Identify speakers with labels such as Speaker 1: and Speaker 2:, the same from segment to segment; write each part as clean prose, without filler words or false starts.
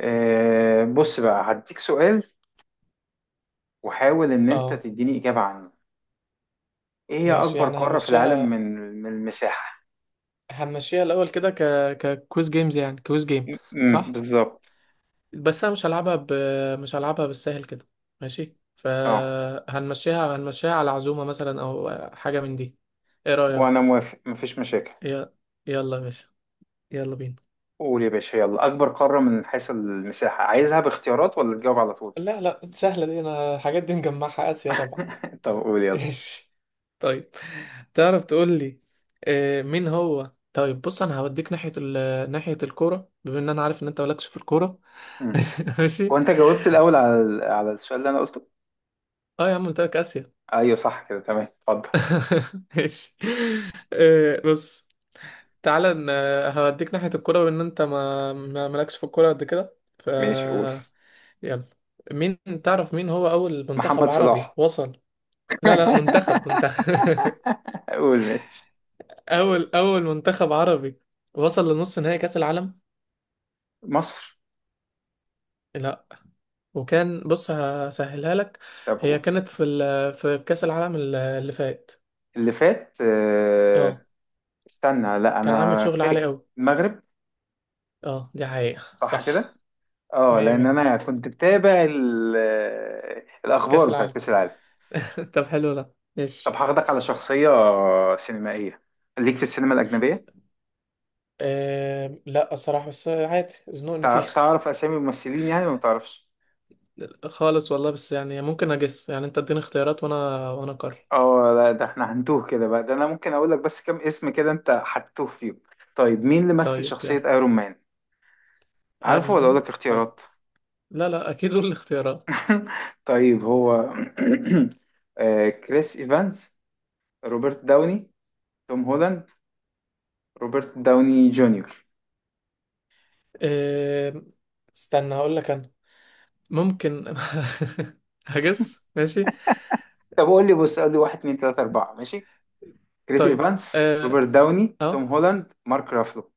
Speaker 1: بص بقى هديك سؤال وحاول ان انت
Speaker 2: اه،
Speaker 1: تديني اجابة عنه. ايه هي
Speaker 2: ماشي.
Speaker 1: اكبر
Speaker 2: يعني
Speaker 1: قارة في العالم
Speaker 2: هنمشيها
Speaker 1: من من المساحة؟
Speaker 2: هنمشيها الاول كده ككويز جيمز، يعني كويز جيم.
Speaker 1: م- م،
Speaker 2: صح.
Speaker 1: بالظبط.
Speaker 2: بس انا مش هلعبها بالسهل كده. ماشي،
Speaker 1: اه
Speaker 2: فهنمشيها على عزومة مثلا او حاجة من دي. ايه
Speaker 1: وانا
Speaker 2: رأيك؟
Speaker 1: موافق مفيش مشاكل.
Speaker 2: ي... يلا يا باشا، يلا بينا.
Speaker 1: قول يا باشا يلا، اكبر قارة من حيث المساحة عايزها باختيارات ولا تجاوب على طول؟
Speaker 2: لا لا، سهلة دي، انا الحاجات دي مجمعها آسيا طبعا.
Speaker 1: طب قول يلا.
Speaker 2: ايش؟ طيب، تعرف تقول لي مين هو؟ طيب بص انا هوديك ناحية ناحية الكورة، بما ان انا عارف ان انت مالكش في الكورة.
Speaker 1: مم. هو
Speaker 2: ماشي.
Speaker 1: انت جاوبت الاول على على السؤال اللي انا قلته.
Speaker 2: اه يا عم، قلت لك اسيا.
Speaker 1: ايوه صح كده، تمام، اتفضل.
Speaker 2: ماشي. بص، تعالى ن- هوديك ناحية الكورة بما ان انت مالكش في الكورة قد كده، ف
Speaker 1: ماشي قول.
Speaker 2: يلا. مين تعرف مين هو اول منتخب
Speaker 1: محمد
Speaker 2: عربي
Speaker 1: صلاح.
Speaker 2: وصل؟ لا لا، منتخب
Speaker 1: قول ماشي.
Speaker 2: اول منتخب عربي وصل لنص نهائي كاس العالم.
Speaker 1: مصر.
Speaker 2: لا. وكان، بص هسهلها لك،
Speaker 1: طب
Speaker 2: هي
Speaker 1: قول.
Speaker 2: كانت في كاس العالم اللي فات.
Speaker 1: اللي فات،
Speaker 2: اه،
Speaker 1: استنى لا
Speaker 2: كان عامل
Speaker 1: انا
Speaker 2: شغل عالي
Speaker 1: فاكر.
Speaker 2: قوي.
Speaker 1: المغرب.
Speaker 2: اه دي حقيقة
Speaker 1: صح كده.
Speaker 2: صح.
Speaker 1: اه
Speaker 2: مية
Speaker 1: لان
Speaker 2: مية،
Speaker 1: انا كنت بتابع الاخبار
Speaker 2: كاس
Speaker 1: بتاعت
Speaker 2: العالم.
Speaker 1: كاس العالم.
Speaker 2: طب حلو ده،
Speaker 1: طب
Speaker 2: ماشي.
Speaker 1: هاخدك على شخصيه سينمائيه ليك في السينما الاجنبيه.
Speaker 2: آه لا، الصراحة بس عادي، زنقني فيها.
Speaker 1: تعرف اسامي الممثلين يعني ولا ما تعرفش؟
Speaker 2: خالص والله، بس يعني ممكن اجس، يعني انت اديني اختيارات وانا اقرر.
Speaker 1: اه لا، ده احنا هنتوه كده بقى، ده انا ممكن اقول لك بس كام اسم كده انت هتتوه فيهم. طيب مين اللي مثل
Speaker 2: طيب
Speaker 1: شخصيه
Speaker 2: يلا.
Speaker 1: ايرون مان؟
Speaker 2: ايرون
Speaker 1: عارفه ولا اقول
Speaker 2: مان،
Speaker 1: لك
Speaker 2: طيب.
Speaker 1: اختيارات؟
Speaker 2: لا لا، اكيد دول الاختيارات.
Speaker 1: طيب هو، كريس ايفانز، روبرت داوني، توم هولاند، روبرت داوني جونيور.
Speaker 2: أه... استنى هقول لك انا، ممكن هجس، ماشي.
Speaker 1: طب قول لي بص، قول لي واحد اتنين تلاتة أربعة ماشي. كريس
Speaker 2: طيب.
Speaker 1: إيفانس،
Speaker 2: اه
Speaker 1: روبرت داوني، توم
Speaker 2: آه.
Speaker 1: هولاند، مارك رافلو.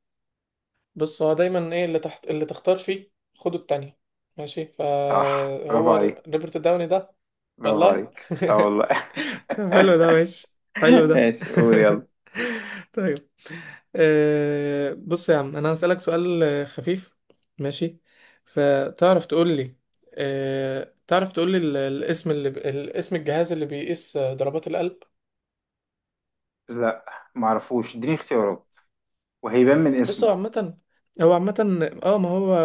Speaker 2: بص، هو دايما ايه اللي تحت اللي تختار فيه؟ خده التانية. ماشي،
Speaker 1: صح، برافو
Speaker 2: فهو
Speaker 1: عليك،
Speaker 2: روبرت داوني ده.
Speaker 1: برافو
Speaker 2: والله
Speaker 1: عليك اه والله.
Speaker 2: طب حلو ده، ماشي. حلو ده.
Speaker 1: ماشي قول يلا.
Speaker 2: طيب. بص يا عم، انا هسألك سؤال خفيف، ماشي. فتعرف تقول لي تعرف تقول لي الاسم الاسم الجهاز اللي بيقيس ضربات القلب.
Speaker 1: لا معرفوش، اديني اختيارات وهيبان من
Speaker 2: بص
Speaker 1: اسمه.
Speaker 2: هو عامة، هو عامة اه ما هو،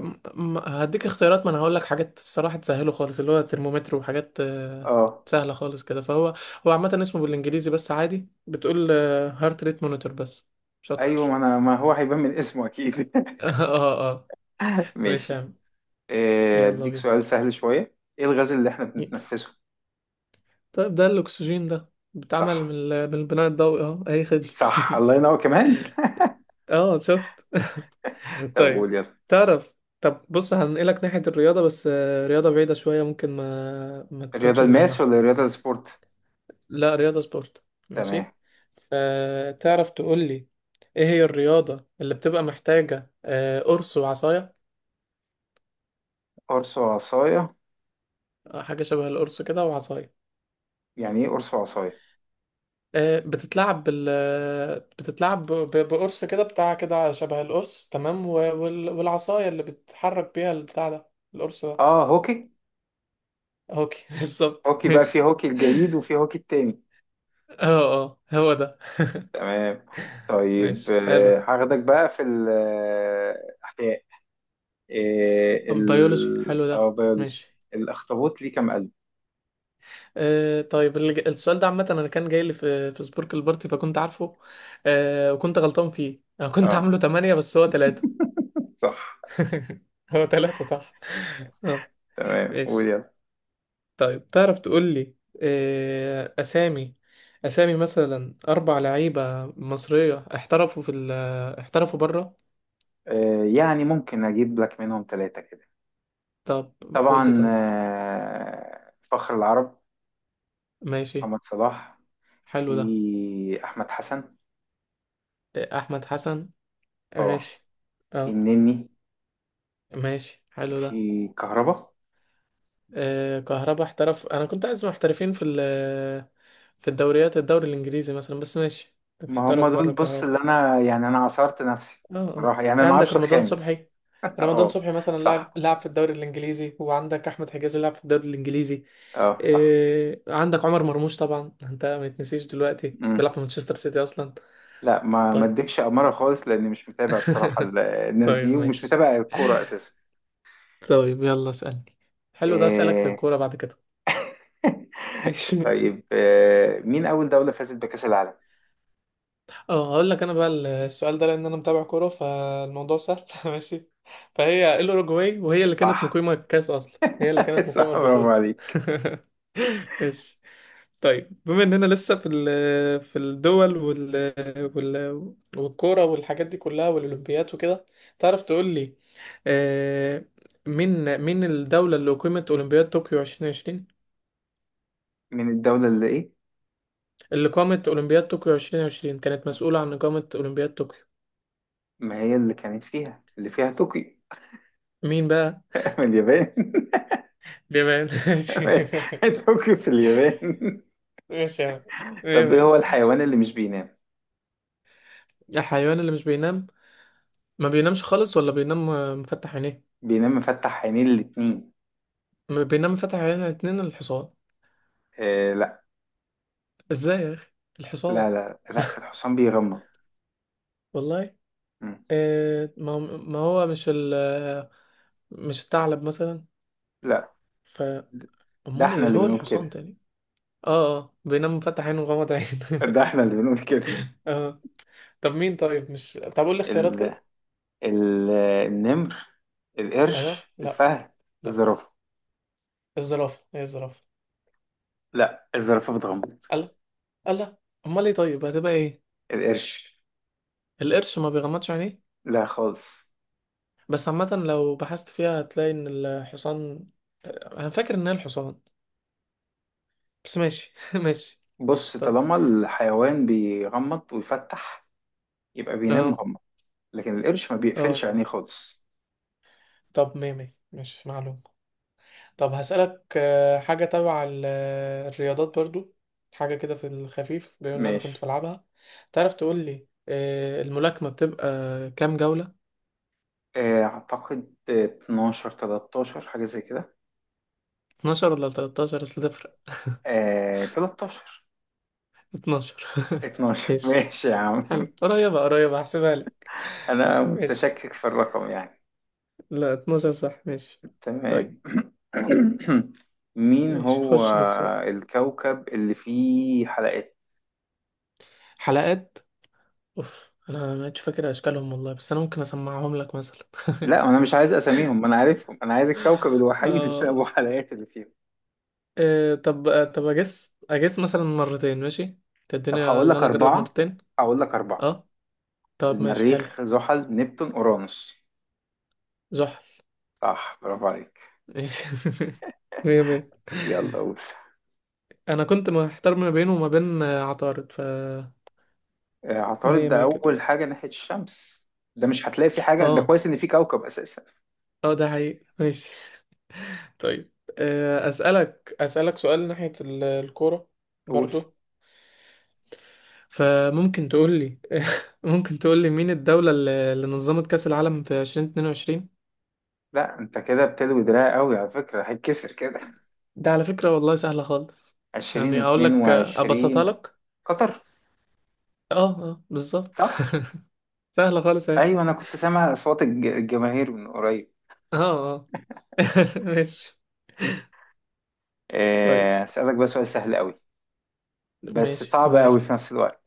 Speaker 2: م- هديك اختيارات، ما انا هقول لك حاجات الصراحة تسهله خالص، اللي هو ترمومتر وحاجات
Speaker 1: اه
Speaker 2: سهلة خالص كده. فهو، هو عامة اسمه بالانجليزي، بس عادي، بتقول هارت ريت مونيتور، بس مش
Speaker 1: ايوه ما
Speaker 2: اكتر.
Speaker 1: انا، ما هو هيبان من اسمه اكيد.
Speaker 2: اه اه. مش
Speaker 1: ماشي.
Speaker 2: فاهم. يلا
Speaker 1: اديك
Speaker 2: بينا.
Speaker 1: سؤال سهل شوية، ايه الغاز اللي احنا
Speaker 2: ي-
Speaker 1: بنتنفسه؟
Speaker 2: طيب، ده الاكسجين ده، بيتعمل
Speaker 1: صح،
Speaker 2: من البناء الضوئي. اه، اي خدمة.
Speaker 1: صح، الله ينور كمان.
Speaker 2: اه شفت.
Speaker 1: طب قول
Speaker 2: طيب.
Speaker 1: يلا.
Speaker 2: تعرف. طب بص، هنقلك ناحية الرياضة بس، رياضة بعيدة شوية، ممكن ما ما
Speaker 1: الرياضة
Speaker 2: تكونش
Speaker 1: الماس
Speaker 2: مجمعها.
Speaker 1: ولا الرياضة السبورت؟
Speaker 2: لا، رياضة سبورت.
Speaker 1: تمام.
Speaker 2: ماشي. فتعرف تقول لي، ايه هي الرياضة اللي بتبقى محتاجة قرص وعصاية؟
Speaker 1: قرص وعصاية؟
Speaker 2: حاجة شبه القرص كده وعصاية.
Speaker 1: يعني ايه قرص وعصاية؟
Speaker 2: بتتلعب بال آه، بتتلعب ب- ب- بقرص كده، بتاع كده شبه القرص، تمام، والعصاية اللي بتحرك بيها البتاع ده، القرص ده.
Speaker 1: اه هوكي.
Speaker 2: اوكي بالظبط،
Speaker 1: هوكي بقى في
Speaker 2: ماشي.
Speaker 1: هوكي الجليد وفي هوكي التاني.
Speaker 2: اه اه، هو ده.
Speaker 1: تمام. طيب
Speaker 2: ماشي حلو.
Speaker 1: هاخدك بقى في الأحياء،
Speaker 2: بيولوجي،
Speaker 1: ال
Speaker 2: حلو
Speaker 1: أو
Speaker 2: ده،
Speaker 1: بيولوجي.
Speaker 2: ماشي.
Speaker 1: الأخطبوط ليه كام قلب؟
Speaker 2: آه طيب، السؤال ده عامة أنا كان جاي لي في سبوركل بارتي، فكنت عارفه. آه، وكنت غلطان فيه، أنا كنت
Speaker 1: اه
Speaker 2: عامله تمانية بس هو تلاتة.
Speaker 1: صح.
Speaker 2: هو تلاتة، صح. اه،
Speaker 1: تمام،
Speaker 2: ماشي.
Speaker 1: ويلا.
Speaker 2: طيب، تعرف تقول لي، آه أسامي أسامي مثلا أربع لعيبة مصرية احترفوا في ال احترفوا بره.
Speaker 1: يعني ممكن أجيب لك منهم ثلاثة كده.
Speaker 2: طب قول لي
Speaker 1: طبعا،
Speaker 2: طيب،
Speaker 1: فخر العرب
Speaker 2: ماشي
Speaker 1: محمد صلاح.
Speaker 2: حلو ده.
Speaker 1: في أحمد حسن.
Speaker 2: أحمد حسن،
Speaker 1: اه.
Speaker 2: ماشي.
Speaker 1: في
Speaker 2: اه،
Speaker 1: النني.
Speaker 2: ماشي، حلو ده.
Speaker 1: في كهربا.
Speaker 2: آه كهربا احترف، انا كنت عايز محترفين في الدوريات، الدوري الانجليزي مثلا، بس ماشي،
Speaker 1: ما هم
Speaker 2: محترف
Speaker 1: دول
Speaker 2: بره
Speaker 1: بص
Speaker 2: كهربا.
Speaker 1: اللي انا، يعني انا عصرت نفسي
Speaker 2: اه اه،
Speaker 1: بصراحة، يعني انا
Speaker 2: إيه
Speaker 1: ما
Speaker 2: عندك
Speaker 1: اعرفش
Speaker 2: رمضان
Speaker 1: الخامس.
Speaker 2: صبحي؟ رمضان
Speaker 1: اه
Speaker 2: صبحي مثلا لعب
Speaker 1: صح،
Speaker 2: لعب في الدوري الانجليزي، وعندك احمد حجازي لعب في الدوري الانجليزي.
Speaker 1: اه صح.
Speaker 2: آه عندك عمر مرموش طبعا، انت ما يتنسيش دلوقتي
Speaker 1: امم.
Speaker 2: بيلعب في مانشستر سيتي اصلا.
Speaker 1: لا ما
Speaker 2: طيب.
Speaker 1: اديكش امارة خالص لاني مش متابع بصراحة الناس
Speaker 2: طيب،
Speaker 1: دي ومش
Speaker 2: ماشي.
Speaker 1: متابع الكورة اساسا.
Speaker 2: طيب يلا اسألني، حلو ده. اسألك في
Speaker 1: إيه...
Speaker 2: الكورة بعد كده.
Speaker 1: طيب. مين اول دولة فازت بكأس العالم؟
Speaker 2: اه، هقول لك انا بقى. السؤال ده، لان انا متابع كوره، فالموضوع سهل. ماشي. فهي الاوروجواي، وهي اللي كانت
Speaker 1: صح.
Speaker 2: مقيمه الكاس اصلا، هي اللي كانت
Speaker 1: صح،
Speaker 2: مقيمه
Speaker 1: برافو
Speaker 2: البطوله.
Speaker 1: عليك.
Speaker 2: ماشي. طيب، بما اننا لسه في الدول والكوره والحاجات دي كلها والاولمبيات وكده، تعرف تقول لي، آه، مين الدوله اللي اقيمت اولمبياد طوكيو 2020؟
Speaker 1: من الدولة اللي ايه؟
Speaker 2: اللي قامت اولمبياد طوكيو 2020، كانت مسؤوله عن اقامه اولمبياد طوكيو.
Speaker 1: ما هي اللي كانت فيها، اللي فيها طوكيو.
Speaker 2: مين بقى؟
Speaker 1: من اليابان.
Speaker 2: بيبان ماشي.
Speaker 1: طوكيو في اليابان.
Speaker 2: ماشي يا عم، مية
Speaker 1: طب ايه
Speaker 2: مية.
Speaker 1: هو الحيوان اللي مش بينام؟
Speaker 2: الحيوان اللي مش بينام، ما بينامش خالص، ولا بينام مفتح عينيه؟
Speaker 1: بينام مفتح عينيه الاتنين.
Speaker 2: ما بينام مفتح عينيه الاتنين الحصان،
Speaker 1: آه لا،
Speaker 2: ازاي يا اخي
Speaker 1: لا
Speaker 2: الحصان؟
Speaker 1: لا لا الحصان بيغمض.
Speaker 2: والله.
Speaker 1: مم.
Speaker 2: ما هو مش ال مش الثعلب مثلا؟
Speaker 1: لا
Speaker 2: ف
Speaker 1: ده
Speaker 2: امال
Speaker 1: احنا
Speaker 2: ايه،
Speaker 1: اللي
Speaker 2: هو
Speaker 1: بنقول
Speaker 2: الحصان
Speaker 1: كده.
Speaker 2: تاني؟ اه اه، بينام مفتح عينه ومغمض عينه.
Speaker 1: ده احنا اللي بنقول كده.
Speaker 2: اه. طب مين طيب مش طب قول لي اختيارات
Speaker 1: ال...
Speaker 2: كده.
Speaker 1: ال... النمر،
Speaker 2: ايوه
Speaker 1: القرش،
Speaker 2: لا
Speaker 1: الفهد،
Speaker 2: لا،
Speaker 1: الزرافة.
Speaker 2: الزرافه هي الزرافه.
Speaker 1: لا الزرافة بتغمض.
Speaker 2: الله، الله، امال ايه طيب، هتبقى ايه؟
Speaker 1: القرش.
Speaker 2: القرش ما بيغمضش عينيه؟
Speaker 1: لا خالص.
Speaker 2: بس عامة لو بحثت فيها هتلاقي ان الحصان، انا فاكر ان هي الحصان، بس ماشي. ماشي.
Speaker 1: بص
Speaker 2: طيب.
Speaker 1: طالما الحيوان بيغمض ويفتح يبقى بينام
Speaker 2: اه
Speaker 1: مغمض، لكن القرش ما بيقفلش
Speaker 2: اه.
Speaker 1: عينيه خالص.
Speaker 2: طب، مية مية، ماشي، معلوم. طب هسألك حاجة تبع الرياضات برضو، حاجة كده في الخفيف، بما ان انا كنت
Speaker 1: ماشي،
Speaker 2: بلعبها. تعرف تقول لي الملاكمة بتبقى كام جولة؟
Speaker 1: أعتقد 12 13 حاجة زي كده.
Speaker 2: 12 ولا 13؟ اصل تفرق.
Speaker 1: 13.
Speaker 2: 12.
Speaker 1: 12.
Speaker 2: ماشي،
Speaker 1: ماشي يا عم.
Speaker 2: حلو. قريبة قريبة، هحسبها لك.
Speaker 1: أنا
Speaker 2: ماشي.
Speaker 1: متشكك في الرقم يعني.
Speaker 2: لا، 12، صح، ماشي. طيب.
Speaker 1: تمام. مين
Speaker 2: ماشي،
Speaker 1: هو
Speaker 2: خش في السؤال.
Speaker 1: الكوكب اللي فيه حلقات؟
Speaker 2: حلقات. اوف، انا ما عدتش فاكر اشكالهم والله، بس انا ممكن اسمعهم لك مثلا.
Speaker 1: لا أنا مش عايز أساميهم أنا عارفهم، أنا عايز الكوكب الوحيد اللي
Speaker 2: آه.
Speaker 1: أبو حلقات اللي فيهم.
Speaker 2: طب اجس مثلا مرتين، ماشي؟
Speaker 1: طب
Speaker 2: تديني
Speaker 1: هقول
Speaker 2: اللي
Speaker 1: لك
Speaker 2: انا اجرب
Speaker 1: أربعة،
Speaker 2: مرتين.
Speaker 1: هقول لك أربعة.
Speaker 2: اه طب، ماشي حلو.
Speaker 1: المريخ، زحل، نبتون، أورانوس.
Speaker 2: زحل.
Speaker 1: صح، برافو عليك.
Speaker 2: ماشي. مية مية.
Speaker 1: يلا قول.
Speaker 2: انا كنت محتار ما بينه وما بين عطارد، ف
Speaker 1: عطارد
Speaker 2: مية
Speaker 1: ده
Speaker 2: مية كده.
Speaker 1: أول حاجة ناحية الشمس. ده مش هتلاقي فيه حاجة، ده
Speaker 2: اه
Speaker 1: كويس إن فيه كوكب أساسا.
Speaker 2: اه، ده حقيقي، ماشي. طيب. اسالك سؤال ناحية الكورة
Speaker 1: قول.
Speaker 2: برضو، فممكن تقول لي ممكن تقول لي مين الدولة اللي نظمت كأس العالم في 2022؟
Speaker 1: لا أنت كده بتلوي دراع قوي على فكرة، هيتكسر كده.
Speaker 2: ده على فكرة والله سهلة خالص.
Speaker 1: عشرين
Speaker 2: يعني اقول
Speaker 1: اتنين
Speaker 2: لك، ابسطها
Speaker 1: وعشرين
Speaker 2: لك.
Speaker 1: قطر.
Speaker 2: اه اه، بالظبط.
Speaker 1: صح؟
Speaker 2: سهلة خالص اهي.
Speaker 1: أيوة أنا كنت سامع أصوات الجماهير من قريب.
Speaker 2: اه اه. ماشي. طيب،
Speaker 1: أسألك بقى سؤال سهل قوي بس
Speaker 2: ماشي
Speaker 1: صعب
Speaker 2: وماله،
Speaker 1: قوي في نفس الوقت.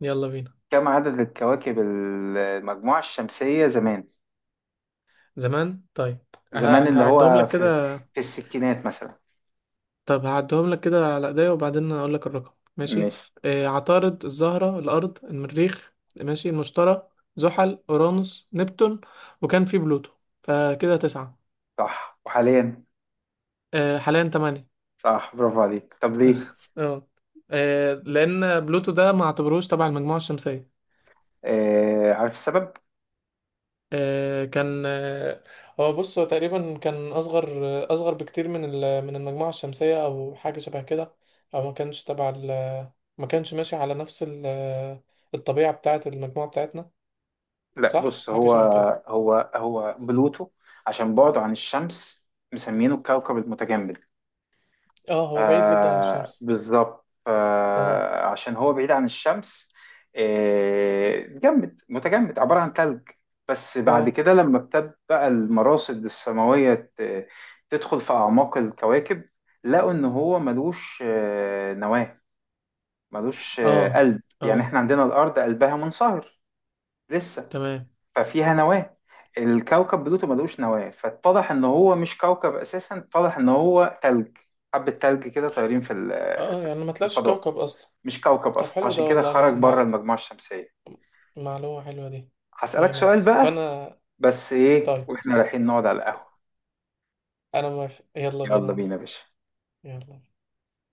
Speaker 2: يلا بينا.
Speaker 1: كم عدد الكواكب المجموعة الشمسية زمان؟
Speaker 2: زمان؟ طيب، ه-
Speaker 1: زمان اللي
Speaker 2: هعدهم
Speaker 1: هو
Speaker 2: لك
Speaker 1: في,
Speaker 2: كده.
Speaker 1: في الستينات مثلا.
Speaker 2: طب هعدهم لك كده على ايديا، وبعدين هقول لك الرقم، ماشي؟
Speaker 1: مش.
Speaker 2: آه، عطارد، الزهرة، الأرض، المريخ، ماشي، المشتري، زحل، أورانوس، نبتون، وكان في بلوتو، فكده تسعة.
Speaker 1: صح وحاليا.
Speaker 2: آه حاليا تمانية.
Speaker 1: صح، برافو عليك، طب ليه؟
Speaker 2: اه. لأن بلوتو ده ما اعتبروش تبع المجموعة الشمسية.
Speaker 1: عارف السبب؟
Speaker 2: آه، كان آه، هو بص، هو تقريبا كان اصغر، اصغر بكتير من المجموعه الشمسيه، او حاجه شبه كده، او ما كانش ما كانش ماشي على نفس الطبيعه بتاعه المجموعه بتاعتنا.
Speaker 1: لا
Speaker 2: صح،
Speaker 1: بص
Speaker 2: حاجه
Speaker 1: هو،
Speaker 2: شبه كده.
Speaker 1: هو بلوتو عشان بعده عن الشمس مسمينه الكوكب المتجمد.
Speaker 2: اه، هو بعيد جدا عن
Speaker 1: آه
Speaker 2: الشمس.
Speaker 1: بالظبط،
Speaker 2: اه
Speaker 1: آه عشان هو بعيد عن الشمس. آه جمد، متجمد عبارة عن ثلج. بس بعد
Speaker 2: اه.
Speaker 1: كده لما ابتدت بقى المراصد السماوية تدخل في أعماق الكواكب، لقوا إن هو ملوش نواة، ملوش
Speaker 2: اه
Speaker 1: قلب.
Speaker 2: اه،
Speaker 1: يعني إحنا عندنا الأرض قلبها منصهر لسه،
Speaker 2: تمام.
Speaker 1: ففيها نواة. الكوكب بلوتو ملوش نواة، فاتضح ان هو مش كوكب اساسا، اتضح ان هو تلج، حبة تلج كده طايرين في
Speaker 2: اه،
Speaker 1: في
Speaker 2: يعني ما
Speaker 1: في
Speaker 2: طلعش
Speaker 1: الفضاء.
Speaker 2: كوكب اصلا.
Speaker 1: مش كوكب
Speaker 2: طب
Speaker 1: اصلا،
Speaker 2: حلو ده
Speaker 1: فعشان كده
Speaker 2: والله،
Speaker 1: خرج بره المجموعة الشمسية.
Speaker 2: معلومه حلوه دي.
Speaker 1: هسألك
Speaker 2: مية مية.
Speaker 1: سؤال
Speaker 2: طب
Speaker 1: بقى،
Speaker 2: انا.
Speaker 1: بس ايه
Speaker 2: طيب
Speaker 1: واحنا رايحين نقعد على القهوة.
Speaker 2: انا موافق، يلا
Speaker 1: يلا
Speaker 2: بينا،
Speaker 1: بينا يا باشا.
Speaker 2: يلا.